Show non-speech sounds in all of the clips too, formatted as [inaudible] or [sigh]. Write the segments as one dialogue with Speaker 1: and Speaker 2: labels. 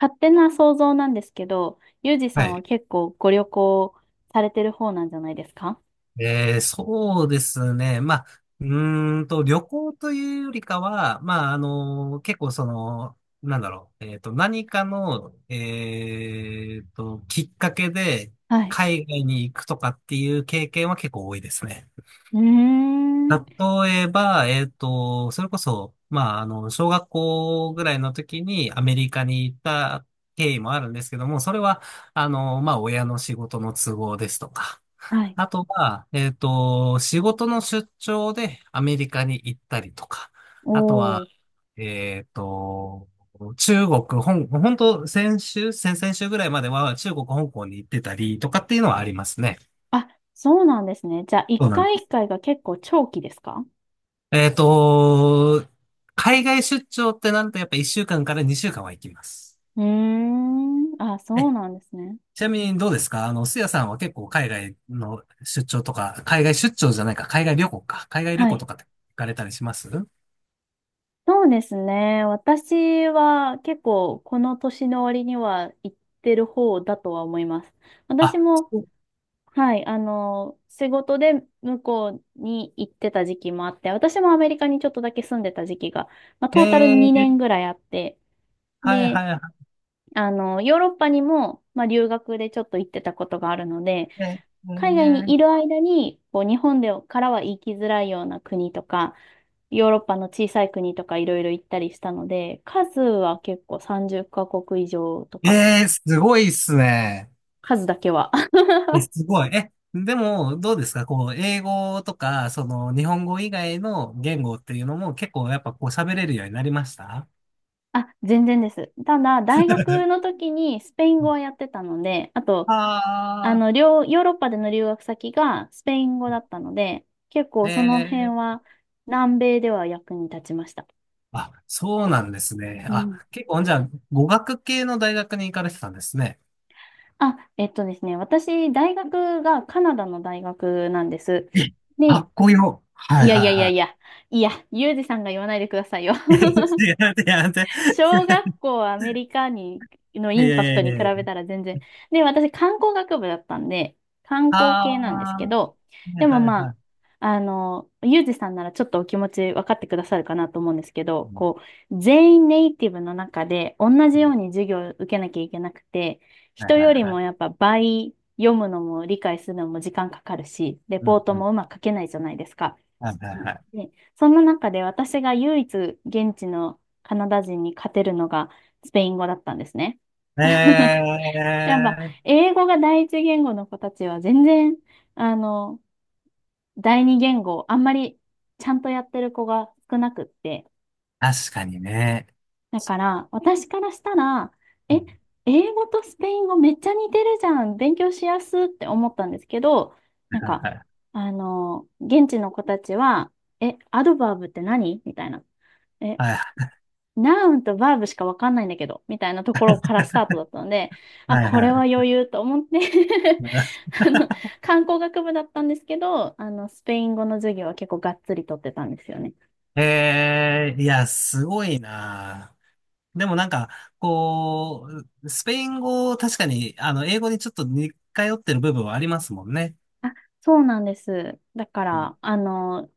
Speaker 1: 勝手な想像なんですけど、ユージさ
Speaker 2: は
Speaker 1: んは
Speaker 2: い。
Speaker 1: 結構ご旅行されてる方なんじゃないですか？
Speaker 2: そうですね。う旅行というよりかは、結構何かの、きっかけで
Speaker 1: はい。
Speaker 2: 海外に行くとかっていう経験は結構多いですね。
Speaker 1: うーん。
Speaker 2: 例えば、それこそ、小学校ぐらいの時にアメリカに行った経緯もあるんですけども、それは、親の仕事の都合ですとか、
Speaker 1: はい。
Speaker 2: あとは、仕事の出張でアメリカに行ったりとか、あと
Speaker 1: お
Speaker 2: は、
Speaker 1: ー。
Speaker 2: えっと、中国、本当先週、先々週ぐらいまでは中国、香港に行ってたりとかっていうのはありますね。
Speaker 1: あ、そうなんですね。じゃあ、一
Speaker 2: そうなん
Speaker 1: 回
Speaker 2: で
Speaker 1: 一
Speaker 2: す。
Speaker 1: 回が結構長期ですか？
Speaker 2: えっと、海外出張ってなるとやっぱ1週間かんから2週間は行きます。
Speaker 1: うーん。あ、そ
Speaker 2: え、
Speaker 1: うなんですね。
Speaker 2: ちなみにどうですか？あの、すやさんは結構海外の出張とか、海外出張じゃないか、海外旅行か、海外旅
Speaker 1: は
Speaker 2: 行
Speaker 1: い。
Speaker 2: とかって行かれたりします？
Speaker 1: そうですね。私は結構この年の割には行ってる方だとは思います。
Speaker 2: あ、
Speaker 1: 私も、はい、仕事で向こうに行ってた時期もあって、私もアメリカにちょっとだけ住んでた時期が、まあ、トータル
Speaker 2: え
Speaker 1: 2
Speaker 2: え、
Speaker 1: 年ぐらいあって、
Speaker 2: はい
Speaker 1: で、
Speaker 2: はいは
Speaker 1: ヨーロッパにも、まあ、留学でちょっと行ってたことがあるので、
Speaker 2: い。え
Speaker 1: 海外にいる間に、こう、日本でからは行きづらいような国とか、ヨーロッパの小さい国とかいろいろ行ったりしたので、数は結構30カ国以上と
Speaker 2: え
Speaker 1: か、
Speaker 2: ええ、すごいっすね。
Speaker 1: 数だけは。
Speaker 2: え、すごい。え、でも、どうですかこう、英語とか、その、日本語以外の言語っていうのも結構やっぱこう喋れるようになりました？
Speaker 1: あ、全然です。ただ、大学の時にスペイン語はやってたので、あと、
Speaker 2: ああ
Speaker 1: ヨーロッパでの留学先がスペイン語だったので、結構その辺
Speaker 2: ー、ええ、
Speaker 1: は南米では役に立ちました。
Speaker 2: あ、そうなんですね。
Speaker 1: うん。
Speaker 2: あ、結構、じゃあ、語学系の大学に行かれてたんですね。
Speaker 1: あ、ですね、私、大学がカナダの大学なんです。
Speaker 2: え、か
Speaker 1: で、
Speaker 2: っこよ。は
Speaker 1: い
Speaker 2: い
Speaker 1: やいやいやい
Speaker 2: は
Speaker 1: や、いや、ユージさんが言わないでくださいよ。
Speaker 2: いはい。[laughs] い
Speaker 1: [laughs]
Speaker 2: や、いや、いや、いや、
Speaker 1: 小学校アメリカに、の
Speaker 2: い
Speaker 1: イン
Speaker 2: や
Speaker 1: パクト
Speaker 2: い
Speaker 1: に
Speaker 2: や
Speaker 1: 比
Speaker 2: いや。
Speaker 1: べたら全然。で、私観光学部だったんで、観光
Speaker 2: ああ、
Speaker 1: 系なんですけ
Speaker 2: は
Speaker 1: ど、
Speaker 2: い
Speaker 1: で
Speaker 2: は
Speaker 1: も
Speaker 2: いは
Speaker 1: ま
Speaker 2: い。
Speaker 1: あ、ゆうじさんならちょっとお気持ち分かってくださるかなと思うんですけど、こう、全員ネイティブの中で同
Speaker 2: う
Speaker 1: じよ
Speaker 2: ん、
Speaker 1: うに授業を受けなきゃいけなくて、
Speaker 2: はい
Speaker 1: 人
Speaker 2: はい
Speaker 1: より
Speaker 2: は
Speaker 1: もやっ
Speaker 2: い。
Speaker 1: ぱ倍読むのも理解するのも時間かかるし、レ
Speaker 2: う
Speaker 1: ポ
Speaker 2: ん、
Speaker 1: ート
Speaker 2: うん。
Speaker 1: もうまく書けないじゃないですか。
Speaker 2: はいはい
Speaker 1: う
Speaker 2: は
Speaker 1: ん
Speaker 2: い。
Speaker 1: で、そんな中で私が唯一現地のカナダ人に勝てるのがスペイン語だったんですね。
Speaker 2: え
Speaker 1: やっぱ
Speaker 2: ー、
Speaker 1: 英語が第一言語の子たちは全然、あの、第二言語あんまりちゃんとやってる子が少なくって。
Speaker 2: 確かにね。
Speaker 1: だから私からしたら、
Speaker 2: う
Speaker 1: え、
Speaker 2: ん、
Speaker 1: 英語とスペイン語めっちゃ似てるじゃん。勉強しやすって思ったんですけど、なん
Speaker 2: はいは
Speaker 1: か、
Speaker 2: いは
Speaker 1: 現地の子たちは、え、アドバーブって何みたいな。え、
Speaker 2: い。
Speaker 1: ナウンとバーブしかわかんないんだけど、みたいなところからスタートだったので、あ、
Speaker 2: はい
Speaker 1: こ
Speaker 2: は
Speaker 1: れ
Speaker 2: い
Speaker 1: は
Speaker 2: は
Speaker 1: 余裕と思って [laughs] あの、観光学部だったんですけど、スペイン語の授業は結構がっつり取ってたんですよね。
Speaker 2: い。えー、いや、すごいな。でもなんか、こう、スペイン語、確かに、あの、英語にちょっと似通ってる部分はありますもんね。
Speaker 1: そうなんです。だか
Speaker 2: うん、
Speaker 1: ら、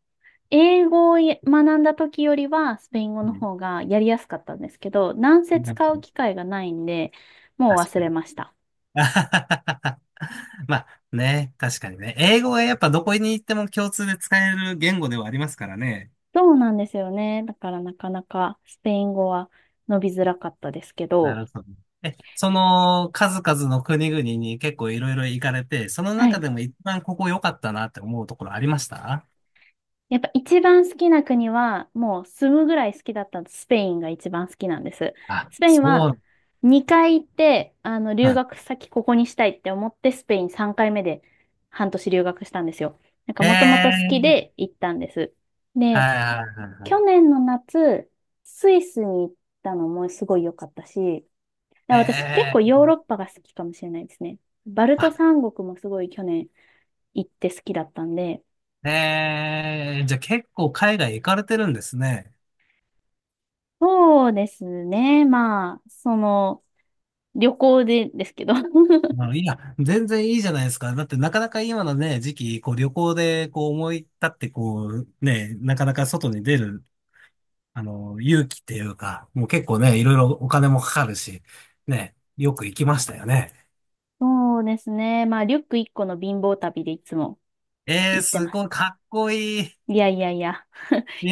Speaker 1: 英語をや学んだ時よりは、スペイン語
Speaker 2: う
Speaker 1: の
Speaker 2: ん、
Speaker 1: 方がやりやすかったんですけど、なんせ
Speaker 2: なんか
Speaker 1: 使う機会がないんで、もう
Speaker 2: 確
Speaker 1: 忘
Speaker 2: かに
Speaker 1: れ
Speaker 2: ね。
Speaker 1: ました。
Speaker 2: [laughs] まあね、確かにね。英語はやっぱどこに行っても共通で使える言語ではありますからね。
Speaker 1: そうなんですよね。だからなかなかスペイン語は伸びづらかったですけ
Speaker 2: な
Speaker 1: ど、
Speaker 2: るほど。え、その数々の国々に結構いろいろ行かれて、その
Speaker 1: は
Speaker 2: 中
Speaker 1: い。
Speaker 2: でも一番ここ良かったなって思うところありました？
Speaker 1: やっぱ一番好きな国は、もう住むぐらい好きだったスペインが一番好きなんです。
Speaker 2: あ、
Speaker 1: スペイ
Speaker 2: そ
Speaker 1: ンは
Speaker 2: う。
Speaker 1: 2回行って、
Speaker 2: は
Speaker 1: 留
Speaker 2: い。
Speaker 1: 学先ここにしたいって思って、スペイン3回目で半年留学したんですよ。なんかもともと好き
Speaker 2: ええ、
Speaker 1: で行ったんです。
Speaker 2: は
Speaker 1: で、
Speaker 2: いはいはいはい。
Speaker 1: 去年の夏、スイスに行ったのもすごい良かったし、だから私結構
Speaker 2: ええ、
Speaker 1: ヨーロッパが好きかもしれないですね。バルト
Speaker 2: あ、
Speaker 1: 三国もすごい去年行って好きだったんで、
Speaker 2: ええ、じゃあ結構海外行かれてるんですね。
Speaker 1: そうですね。まあ、旅行でですけど。
Speaker 2: ま
Speaker 1: [laughs]
Speaker 2: あ、いや、全然いいじゃないですか。だってなかなか今のね、時期、こう旅行でこう思い立ってこうね、なかなか外に出る、あの、勇気っていうか、もう結構ね、いろいろお金もかかるし、ね、よく行きましたよね。
Speaker 1: そうですね。まあ、リュック1個の貧乏旅でいつも
Speaker 2: ええ、
Speaker 1: 行って
Speaker 2: す
Speaker 1: ま
Speaker 2: ご
Speaker 1: す。
Speaker 2: いかっこいい。
Speaker 1: いやいやいや。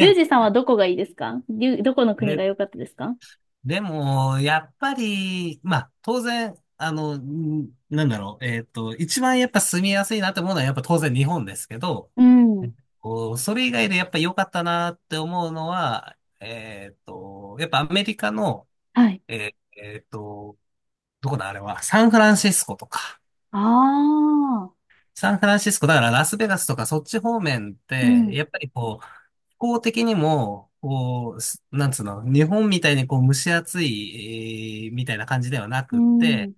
Speaker 1: ユージさんはどこがいいですか？どこの国が
Speaker 2: え、
Speaker 1: 良かったですか？
Speaker 2: でも、やっぱり、当然、なんだろう、一番やっぱ住みやすいなって思うのはやっぱ当然日本ですけど、
Speaker 1: うん。
Speaker 2: こう、それ以外でやっぱ良かったなって思うのは、やっぱアメリカの、
Speaker 1: はい。
Speaker 2: えっと、どこだあれは、サンフランシスコとか。
Speaker 1: ああ。
Speaker 2: サンフランシスコ、だからラスベガスとかそっち方面っ
Speaker 1: う
Speaker 2: て、
Speaker 1: ん。
Speaker 2: やっぱりこう、気候的にも、こう、す、なんつうの、日本みたいにこう蒸し暑い、えーみたいな感じではな
Speaker 1: う
Speaker 2: くって、
Speaker 1: ん。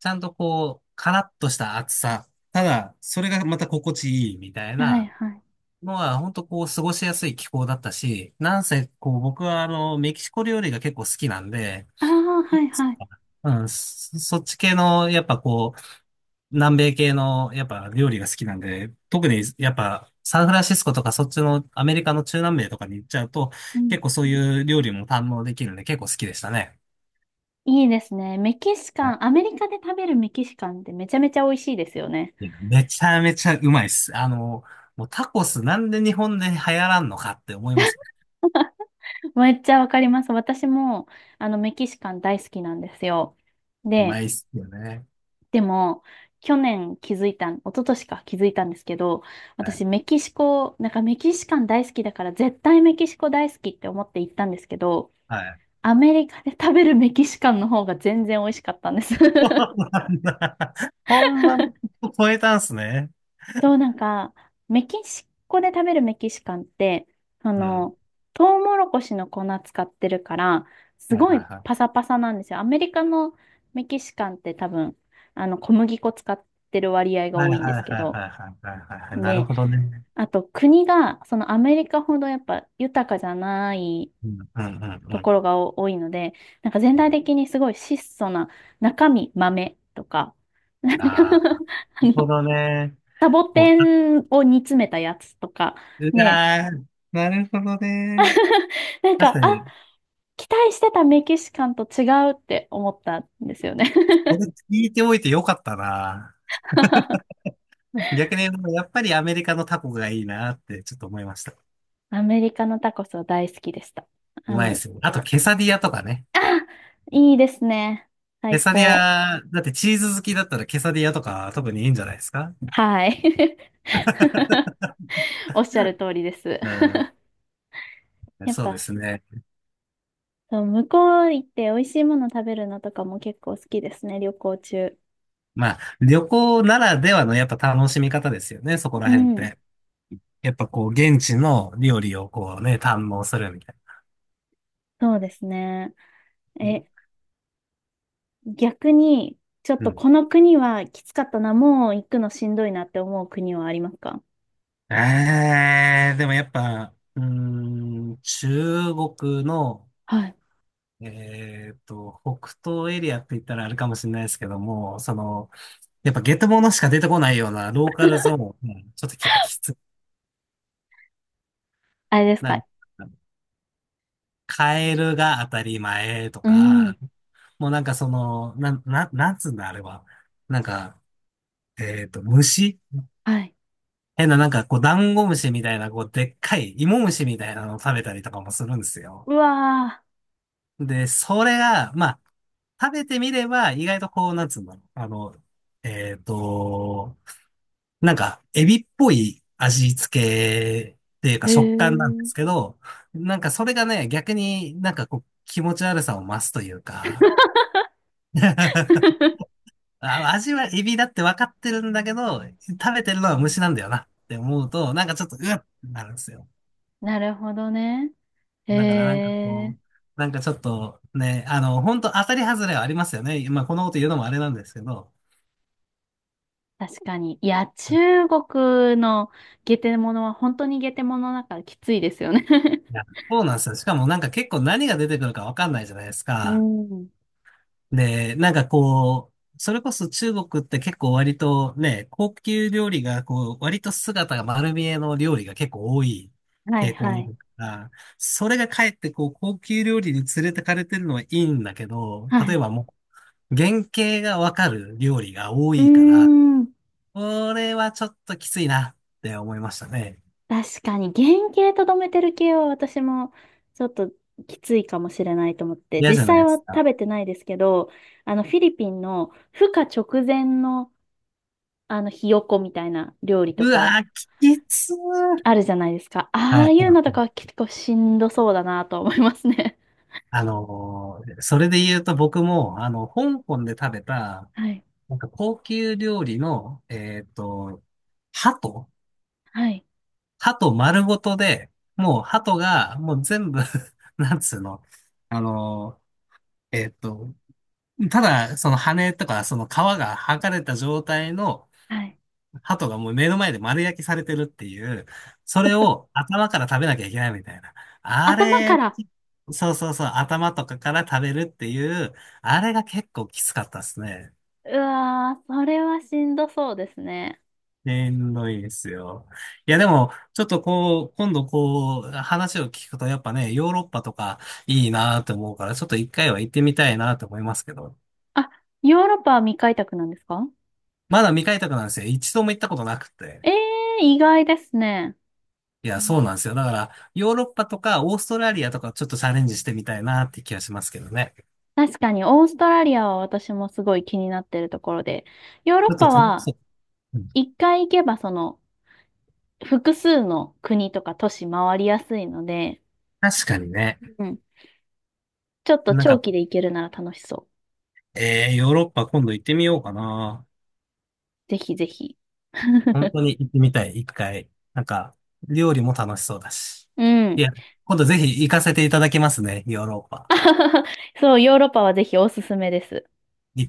Speaker 2: ちゃんとこう、カラッとした暑さ。ただ、それがまた心地いいみたい
Speaker 1: はい
Speaker 2: な
Speaker 1: はい。
Speaker 2: のは、本当こう、過ごしやすい気候だったし、なんせこう、僕はあの、メキシコ料理が結構好きなんで、
Speaker 1: ああ、はいはい。
Speaker 2: うん、そっち系の、やっぱこう、南米系の、やっぱ料理が好きなんで、特にやっぱサンフランシスコとかそっちのアメリカの中南米とかに行っちゃうと、
Speaker 1: うん。
Speaker 2: 結構そういう料理も堪能できるんで結構好きでしたね。
Speaker 1: いいですね。メキシ
Speaker 2: は
Speaker 1: カ
Speaker 2: い、
Speaker 1: ン、アメリカで食べるメキシカンってめちゃめちゃ美味しいですよね。
Speaker 2: めちゃめちゃうまいっす。あの、もうタコスなんで日本で流行らんのかって思います。
Speaker 1: めっちゃわかります。私も、メキシカン大好きなんですよ。
Speaker 2: うま
Speaker 1: で、
Speaker 2: いっすよね。
Speaker 1: でも、去年気づいた一昨年か気づいたんですけど、
Speaker 2: はい。
Speaker 1: 私メキシコ、なんかメキシカン大好きだから絶対メキシコ大好きって思って行ったんですけど、
Speaker 2: はい。
Speaker 1: アメリカで食べるメキシカンの方が全然美味しかったんです。
Speaker 2: そ
Speaker 1: [laughs]
Speaker 2: うなんだ、ほんま、超えたんすね。
Speaker 1: そう、なんか、メキシコで食べるメキシカンって、あ
Speaker 2: うん。
Speaker 1: の、トウモロコシの粉使ってるから、す
Speaker 2: はい
Speaker 1: ご
Speaker 2: は
Speaker 1: い
Speaker 2: いは
Speaker 1: パ
Speaker 2: い。
Speaker 1: サパサなんですよ。アメリカのメキシカンって多分、小麦粉使ってる割合が
Speaker 2: はい
Speaker 1: 多
Speaker 2: は
Speaker 1: いんで
Speaker 2: い
Speaker 1: すけ
Speaker 2: はい
Speaker 1: ど、
Speaker 2: はいはいはいはいはい。なる
Speaker 1: で、
Speaker 2: ほどね。
Speaker 1: あと国が、そのアメリカほどやっぱ豊かじゃない
Speaker 2: うんうんう
Speaker 1: と
Speaker 2: んうん。
Speaker 1: ころがお多いので、なんか全体的にすごい質素な中身豆とか、[laughs] なんか
Speaker 2: ああ。
Speaker 1: [laughs] あ
Speaker 2: ほ
Speaker 1: の
Speaker 2: どね。
Speaker 1: サボ
Speaker 2: も
Speaker 1: テンを煮詰めたやつとか、
Speaker 2: う、う
Speaker 1: ね、
Speaker 2: わー、なるほどね。
Speaker 1: [laughs] なん
Speaker 2: 確
Speaker 1: か、
Speaker 2: か
Speaker 1: あ、
Speaker 2: に、
Speaker 1: 期待してたメキシカンと違うって思ったんですよね。
Speaker 2: これ聞いておいてよかったな。
Speaker 1: [laughs]
Speaker 2: 逆に、やっぱりアメリカのタコがいいなってちょっと思いました。
Speaker 1: アメリカのタコスは大好きでした。
Speaker 2: う
Speaker 1: あ
Speaker 2: まいで
Speaker 1: の、
Speaker 2: すよ。あと、ケサディアとかね。
Speaker 1: いいですね。
Speaker 2: ケ
Speaker 1: 最
Speaker 2: サディ
Speaker 1: 高。
Speaker 2: ア、だってチーズ好きだったらケサディアとか特にいいんじゃないですか？
Speaker 1: はい。[laughs] おっしゃる通りです。
Speaker 2: うん、
Speaker 1: やっ
Speaker 2: そうで
Speaker 1: ぱ、
Speaker 2: すね。
Speaker 1: そう向こう行って美味しいもの食べるのとかも結構好きですね、旅行中。
Speaker 2: まあ、旅行ならではのやっぱ楽しみ方ですよね、そこ
Speaker 1: う
Speaker 2: ら辺っ
Speaker 1: ん。
Speaker 2: て。やっぱこう、現地の料理をこうね、堪能するみたい
Speaker 1: そうですね。
Speaker 2: な。
Speaker 1: え、逆に、ちょっ
Speaker 2: う
Speaker 1: と
Speaker 2: ん、
Speaker 1: この国はきつかったな、もう行くのしんどいなって思う国はありますか？
Speaker 2: えー、でもやっぱ、うーん、中国の、
Speaker 1: はい。
Speaker 2: えっと、北東エリアって言ったらあれかもしれないですけども、その、やっぱゲテモノしか出てこないようなローカルゾーン、うん、ちょっとやっぱきつ
Speaker 1: あれです
Speaker 2: な、
Speaker 1: か？
Speaker 2: カエルが当たり前と
Speaker 1: うん。
Speaker 2: か、
Speaker 1: う。
Speaker 2: もうなんかその、なんつうんだあれは。なんか、虫、
Speaker 1: はい。
Speaker 2: 変ななんかこう、ダンゴムシみたいな、こう、でっかい芋虫みたいなのを食べたりとかもするんですよ。
Speaker 1: わ。
Speaker 2: で、それが、まあ、食べてみれば、意外とこう、なんつうんだろう。あの、えっと、なんか、エビっぽい味付けっていうか
Speaker 1: へえ。
Speaker 2: 食感なんで
Speaker 1: ー
Speaker 2: すけど、なんかそれがね、逆になんかこう、気持ち悪さを増すというか、[laughs]
Speaker 1: [laughs]
Speaker 2: あ、味はエビだって分かってるんだけど、食べてるのは虫なんだよなって思うと、なんかちょっと、うわっってなるんですよ。
Speaker 1: なるほどね。へ
Speaker 2: だからなんかこ
Speaker 1: え。
Speaker 2: う、なんかちょっとね、あの、本当当たり外れはありますよね。まあこのこと言うのもあれなんですけど。
Speaker 1: 確かに。いや、
Speaker 2: うん、
Speaker 1: 中国のゲテモノは本当にゲテモノだからきついですよね。
Speaker 2: いや、そうなんですよ。しかもなんか結構何が出てくるかわかんないじゃないです
Speaker 1: [laughs] う
Speaker 2: か。
Speaker 1: ん。
Speaker 2: で、なんかこう、それこそ中国って結構割とね、高級料理がこう、割と姿が丸見えの料理が結構多い
Speaker 1: はい
Speaker 2: 傾向
Speaker 1: は
Speaker 2: にあ
Speaker 1: い。
Speaker 2: るから、それがかえってこう、高級料理に連れてかれてるのはいいんだけ
Speaker 1: [laughs]
Speaker 2: ど、
Speaker 1: は
Speaker 2: 例え
Speaker 1: い。
Speaker 2: ばもう、原型がわかる料理が多
Speaker 1: うー
Speaker 2: いから、
Speaker 1: ん。
Speaker 2: これはちょっときついなって思いましたね。
Speaker 1: 確かに原型とどめてる系は私もちょっときついかもしれないと思って、
Speaker 2: 嫌じゃ
Speaker 1: 実
Speaker 2: ない
Speaker 1: 際
Speaker 2: で
Speaker 1: は
Speaker 2: す
Speaker 1: 食
Speaker 2: か。
Speaker 1: べてないですけど、あのフィリピンの孵化直前のあのひよこみたいな料理と
Speaker 2: う
Speaker 1: か
Speaker 2: わー、きつー。
Speaker 1: あるじゃないですか。あ
Speaker 2: は
Speaker 1: あ
Speaker 2: い。
Speaker 1: いうのとかは結構しんどそうだなと思いますね。
Speaker 2: あのー、それで言うと僕も、あの、香港で食べた、
Speaker 1: [laughs] はい。
Speaker 2: なんか高級料理の、鳩
Speaker 1: はい。
Speaker 2: 鳩丸ごとで、もう鳩が、もう全部 [laughs] なんつうの、あのーえっと、ただ、その羽とか、その皮が剥がれた状態の、
Speaker 1: はい。
Speaker 2: 鳩がもう目の前で丸焼きされてるっていう、それを頭から食べなきゃいけないみたいな。あ
Speaker 1: 頭
Speaker 2: れ、
Speaker 1: から。
Speaker 2: そうそうそう、頭とかから食べるっていう、あれが結構きつかったですね。
Speaker 1: うわー、それはしんどそうですね。
Speaker 2: しんどいですよ。いやでも、ちょっとこう、今度こう、話を聞くとやっぱね、ヨーロッパとかいいなと思うから、ちょっと一回は行ってみたいなと思いますけど、
Speaker 1: あ、ヨーロッパは未開拓なんですか？
Speaker 2: まだ未開拓なんですよ。一度も行ったことなくて。
Speaker 1: ええー、意外ですね。
Speaker 2: いや、そうなんですよ。だから、ヨーロッパとかオーストラリアとかちょっとチャレンジしてみたいなって気がしますけどね。
Speaker 1: 確かに、オーストラリアは私もすごい気になってるところで、ヨーロ
Speaker 2: ち
Speaker 1: ッ
Speaker 2: ょっ
Speaker 1: パ
Speaker 2: と楽し
Speaker 1: は
Speaker 2: そう。うん、
Speaker 1: 一回行けばその複数の国とか都市回りやすいので、
Speaker 2: 確かにね。
Speaker 1: うん、ちょっと
Speaker 2: なん
Speaker 1: 長
Speaker 2: か、
Speaker 1: 期で行けるなら楽しそ
Speaker 2: えー、ヨーロッパ今度行ってみようかな。
Speaker 1: う。ぜひぜひ。
Speaker 2: 本
Speaker 1: [laughs]
Speaker 2: 当に行ってみたい、一回。なんか、料理も楽しそうだし。
Speaker 1: う
Speaker 2: い
Speaker 1: ん。
Speaker 2: や、今度ぜひ行かせていただきますね、ヨーロッパ。
Speaker 1: [laughs] そう、ヨーロッパはぜひおすすめです。
Speaker 2: 行って